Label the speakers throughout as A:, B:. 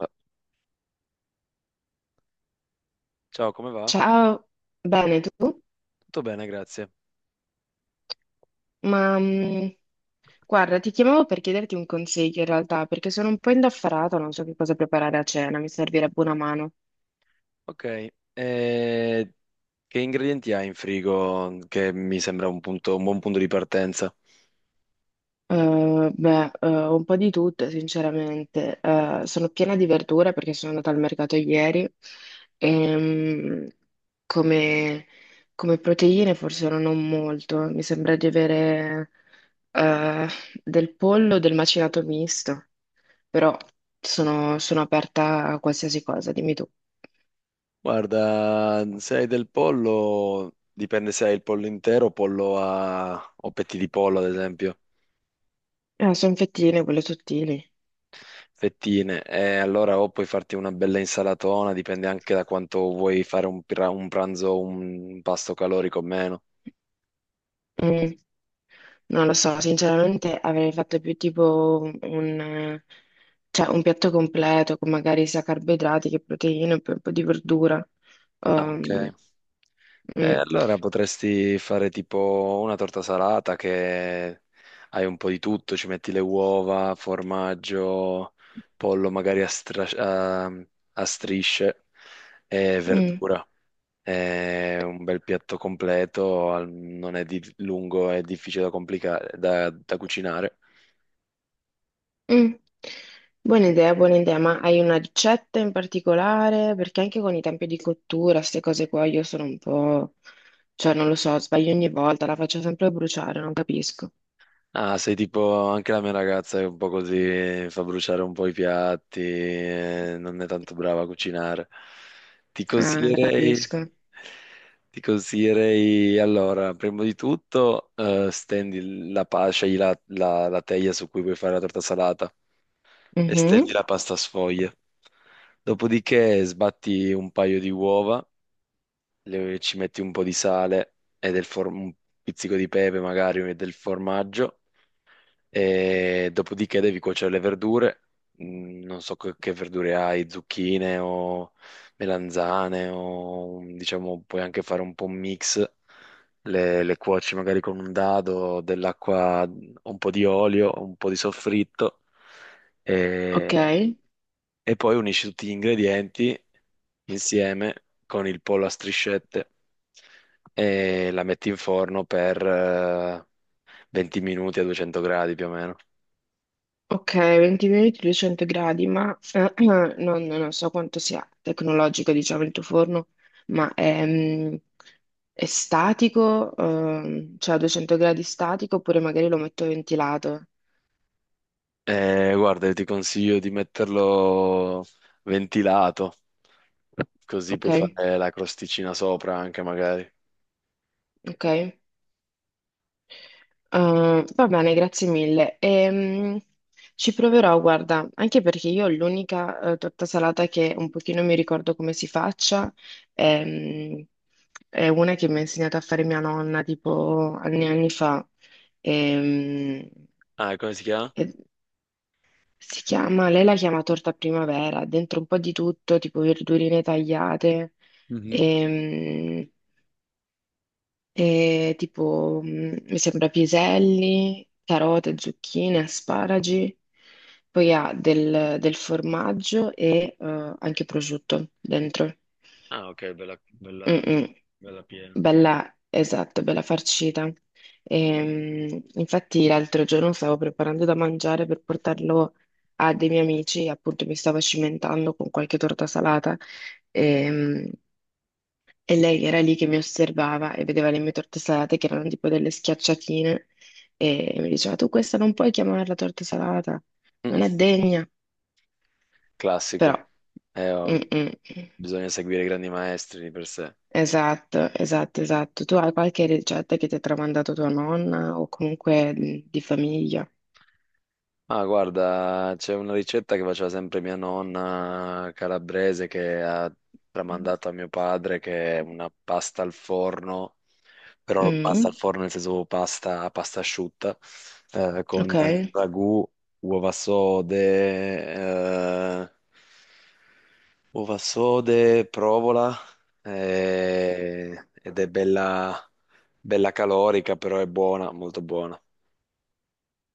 A: Ah, ciao, come va?
B: Ciao, bene tu?
A: Tutto bene, grazie.
B: Ma mm, guarda, ti chiamavo per chiederti un consiglio in realtà, perché sono un po' indaffarata, non so che cosa preparare a cena, mi servirebbe una mano.
A: Ok, eh, che ingredienti hai in frigo? Che mi sembra un buon punto di partenza.
B: Un po' di tutto, sinceramente. Sono piena di verdure perché sono andata al mercato ieri e come, come proteine forse non ho molto, mi sembra di avere eh, del pollo, del macinato misto. Però sono aperta a qualsiasi cosa, dimmi tu.
A: Guarda, se hai del pollo, dipende se hai il pollo intero, pollo a... o petti di pollo, ad esempio,
B: Ah, sono fettine, quelle sottili.
A: fettine. E allora o puoi farti una bella insalatona, dipende anche da quanto vuoi fare un pranzo, un pasto calorico o meno.
B: Mm, non lo so, sinceramente avrei fatto più tipo un piatto completo con magari sia carboidrati che proteine, e poi un po' di verdura.
A: Ah, ok.
B: Um, mm,
A: Allora potresti fare tipo una torta salata che hai un po' di tutto, ci metti le uova, formaggio, pollo magari a strisce e
B: mm,
A: verdura. È un bel piatto completo, non è lungo, è difficile da complicare, da cucinare.
B: mm. Buona idea, ma hai una ricetta in particolare? Perché anche con i tempi di cottura, queste cose qua, io sono un po', non lo so, sbaglio ogni volta, la faccio sempre bruciare, non capisco.
A: Ah, sei tipo anche la mia ragazza è un po' così, fa bruciare un po' i piatti, non è tanto brava a cucinare. Ti
B: Ah,
A: consiglierei,
B: capisco.
A: ti consiglierei allora, prima di tutto, scegli la teglia su cui vuoi fare la torta salata e
B: Mhm.
A: stendi la pasta sfoglia. Dopodiché sbatti un paio di uova, ci metti un po' di sale e un pizzico di pepe magari e del formaggio e dopodiché devi cuocere le verdure. Mm, non so che verdure hai, zucchine o melanzane o diciamo puoi anche fare un po' un mix, le cuoci magari con un dado, dell'acqua, un po' di olio, un po' di soffritto e,
B: Ok,
A: e poi unisci tutti gli ingredienti insieme con il pollo a striscette e la metti in forno per 20 minuti a 200 gradi più o meno.
B: ok, 20 minuti, 200 gradi, ma non so quanto sia tecnologico, diciamo, il tuo forno, ma è statico, cioè a 200 gradi statico, oppure magari lo metto ventilato.
A: Guarda, io ti consiglio di metterlo ventilato, così
B: Ok,
A: puoi fare la crosticina sopra anche magari.
B: ok. Va bene, grazie mille. Ci proverò, guarda, anche perché io l'unica torta salata che un pochino mi ricordo come si faccia ehm, è una che mi ha insegnato a fare mia nonna tipo anni e anni fa. Ehm,
A: Ah, e come si chiama?
B: e si chiama, lei la chiama torta primavera, dentro un po' di tutto, tipo verdurine tagliate.
A: Mhm.
B: Ehm, E tipo, mi sembra piselli, carote, zucchine, asparagi, poi ha del formaggio e anche prosciutto dentro.
A: Ah, ok,
B: Mm-mm.
A: bella piena.
B: Bella, esatto, bella farcita. Infatti l'altro giorno stavo preparando da mangiare per portarlo a dei miei amici, appunto mi stavo cimentando con qualche torta salata. Ehm, e lei era lì che mi osservava e vedeva le mie torte salate che erano tipo delle schiacciatine e mi diceva tu questa non puoi chiamarla torta salata, non
A: Mm.
B: è degna. Però,
A: Classico.
B: mm,
A: Oh,
B: mm.
A: bisogna seguire i grandi maestri di per sé.
B: Esatto, esatto, esatto. Tu hai qualche ricetta che ti ha tramandato tua nonna o comunque di famiglia?
A: Ah, guarda, c'è una ricetta che faceva sempre mia nonna calabrese che ha tramandato a mio padre, che è una pasta al forno, però pasta al
B: Mm,
A: forno nel senso pasta, pasta asciutta, con
B: ok,
A: ragù, uova sode, eh, provola, ed è bella, bella calorica, però è buona, molto buona.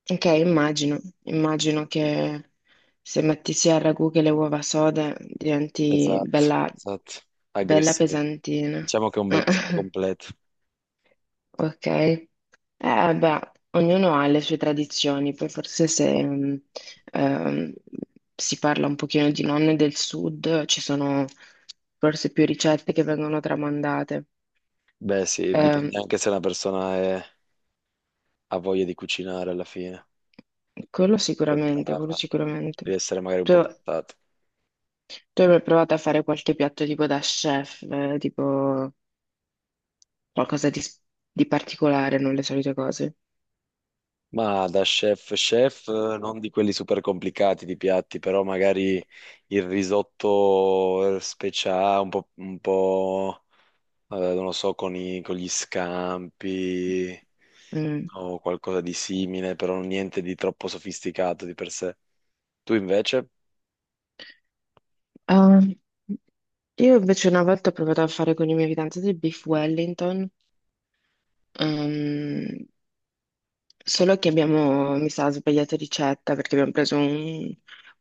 B: ok, immagino, immagino che se metti sia il ragù che le uova sode diventi
A: Esatto,
B: bella,
A: esatto,
B: bella
A: aggressiva.
B: pesantina.
A: Diciamo che è un bel piatto completo.
B: Ok, beh, ognuno ha le sue tradizioni, poi forse se ehm, si parla un pochino di nonne del sud, ci sono forse più ricette che vengono tramandate.
A: Beh, sì,
B: Ehm,
A: dipende anche se una persona ha voglia di cucinare alla fine,
B: Quello
A: è
B: sicuramente, quello
A: brava,
B: sicuramente.
A: deve essere magari un
B: Tu,
A: po' portata.
B: tu hai mai provato a fare qualche piatto tipo da chef, tipo qualcosa di particolare, non le solite cose?
A: Ma da chef chef, non di quelli super complicati di piatti, però magari il risotto speciale, non lo so, con gli scampi
B: Mm.
A: o qualcosa di simile, però niente di troppo sofisticato di per sé. Tu invece...
B: Ah, io invece una volta ho provato a fare con i miei fidanzati del beef Wellington, ehm, solo che abbiamo, mi sa, sbagliato ricetta perché abbiamo preso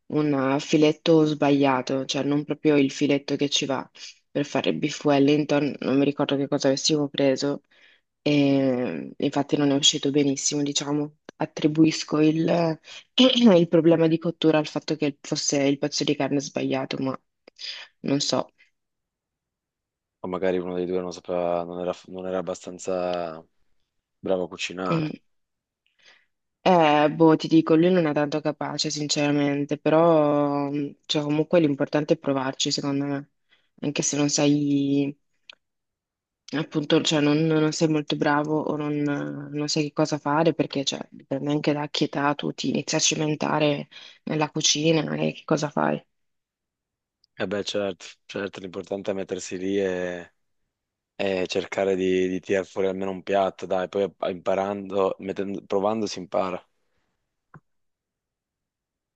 B: un filetto sbagliato, cioè non proprio il filetto che ci va per fare il beef Wellington, non mi ricordo che cosa avessimo preso e infatti non è uscito benissimo, diciamo. Attribuisco il problema di cottura al fatto che fosse il pezzo di carne sbagliato, ma non so.
A: O magari uno dei due non sapeva, non era abbastanza bravo a
B: Mm.
A: cucinare.
B: Boh, ti dico, lui non è tanto capace, sinceramente, però cioè, comunque l'importante è provarci, secondo me, anche se non sai, appunto, cioè, non sei molto bravo o non sai che cosa fare, perché cioè, dipende anche da che età tu ti inizi a cimentare nella cucina e che cosa fai.
A: E beh, certo, certo, l'importante è mettersi lì e cercare di tirar fuori almeno un piatto, dai, poi imparando, provando si impara.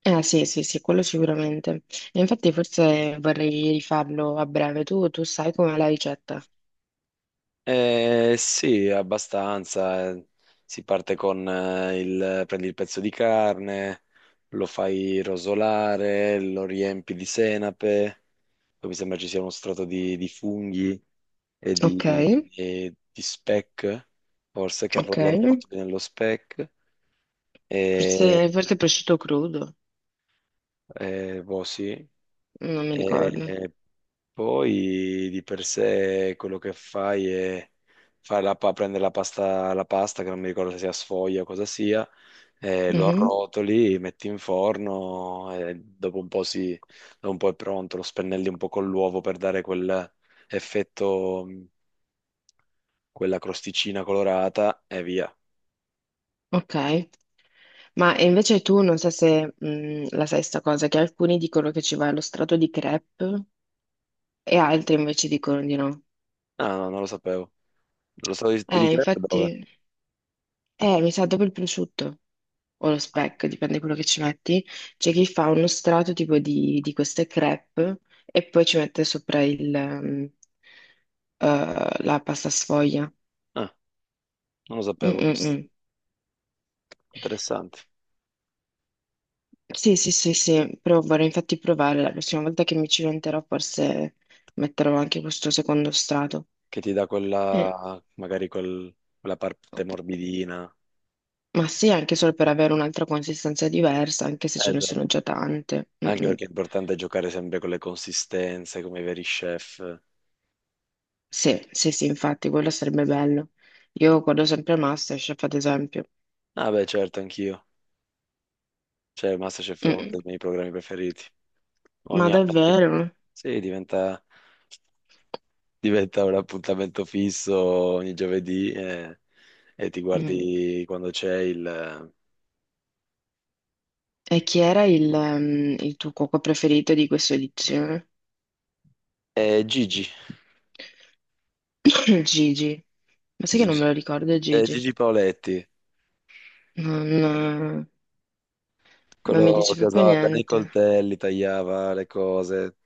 B: Eh sì, sì, sì, quello sicuramente. E infatti forse vorrei rifarlo a breve. Tu sai com'è la ricetta?
A: Sì, abbastanza. Eh. Si parte con prendi il pezzo di carne, lo fai rosolare, lo riempi di senape, poi mi sembra ci sia uno strato di funghi
B: Ok,
A: e di speck, forse
B: ok.
A: lo rotoli nello speck, e,
B: Forse, forse prosciutto crudo.
A: boh, sì.
B: Non mi ricordo.
A: E poi di per sé quello che fai è prendere la pasta, che non mi ricordo se sia sfoglia o cosa sia, lo
B: Mhm,
A: arrotoli, metti in forno e dopo un po', si, dopo un po' è pronto, lo spennelli un po' con l'uovo per dare quel effetto, quella crosticina colorata e via.
B: ok. Ma e invece tu non so se la sai sta cosa, che alcuni dicono che ci va lo strato di crepe e altri invece dicono di no.
A: Ah, no, non lo sapevo. Lo stato di crepe dove?
B: Infatti, mi sa dopo il prosciutto o lo speck, dipende da quello che ci metti. C'è chi fa uno strato tipo di queste crepe e poi ci mette sopra la pasta sfoglia.
A: Ah, non lo
B: Mm,
A: sapevo
B: mm,
A: questo.
B: mm.
A: Interessante.
B: Sì, sì, sì, sì, però vorrei infatti provare la prossima volta che mi ci cimenterò, forse metterò anche questo secondo strato.
A: Che ti dà
B: Eh,
A: quella, quella parte morbidina.
B: Ma sì, anche solo per avere un'altra consistenza diversa, anche se ce ne
A: Esatto.
B: sono già tante. Mm,
A: Anche
B: mm.
A: perché è importante giocare sempre con le consistenze, come i veri chef.
B: Sì, sì, sì, infatti, quello sarebbe bello. Io guardo sempre MasterChef, ad esempio.
A: Ah, beh, certo, anch'io. Cioè, MasterChef è uno dei
B: Mm,
A: miei programmi preferiti.
B: ma
A: Ogni anno di-
B: davvero?
A: sì, diventa un appuntamento fisso ogni giovedì e ti
B: Mm.
A: guardi quando c'è il...
B: E chi era il tuo cuoco preferito di questa edizione?
A: Eh,
B: Gigi. Ma sai che non me
A: Gigi,
B: lo ricordo, Gigi?
A: Gigi Paoletti,
B: Non, Non mi
A: quello
B: dice
A: che
B: proprio
A: usava bene i
B: niente.
A: coltelli, tagliava le cose.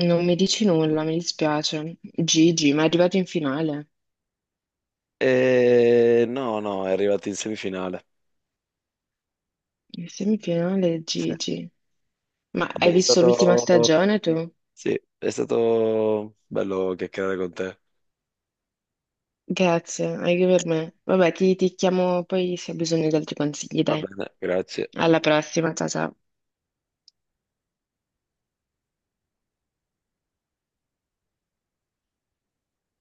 B: Non mi dici nulla, mi dispiace. Gigi, ma è arrivato in finale.
A: No, no, è arrivato in semifinale.
B: In semifinale,
A: Sì.
B: Gigi. Ma hai
A: Vabbè, è
B: visto l'ultima
A: stato,
B: stagione tu?
A: sì, è stato bello chiacchierare con te.
B: Grazie, anche per me. Vabbè, ti chiamo poi se hai bisogno di altri consigli,
A: Va
B: dai.
A: bene, grazie.
B: Alla prossima, ciao ciao.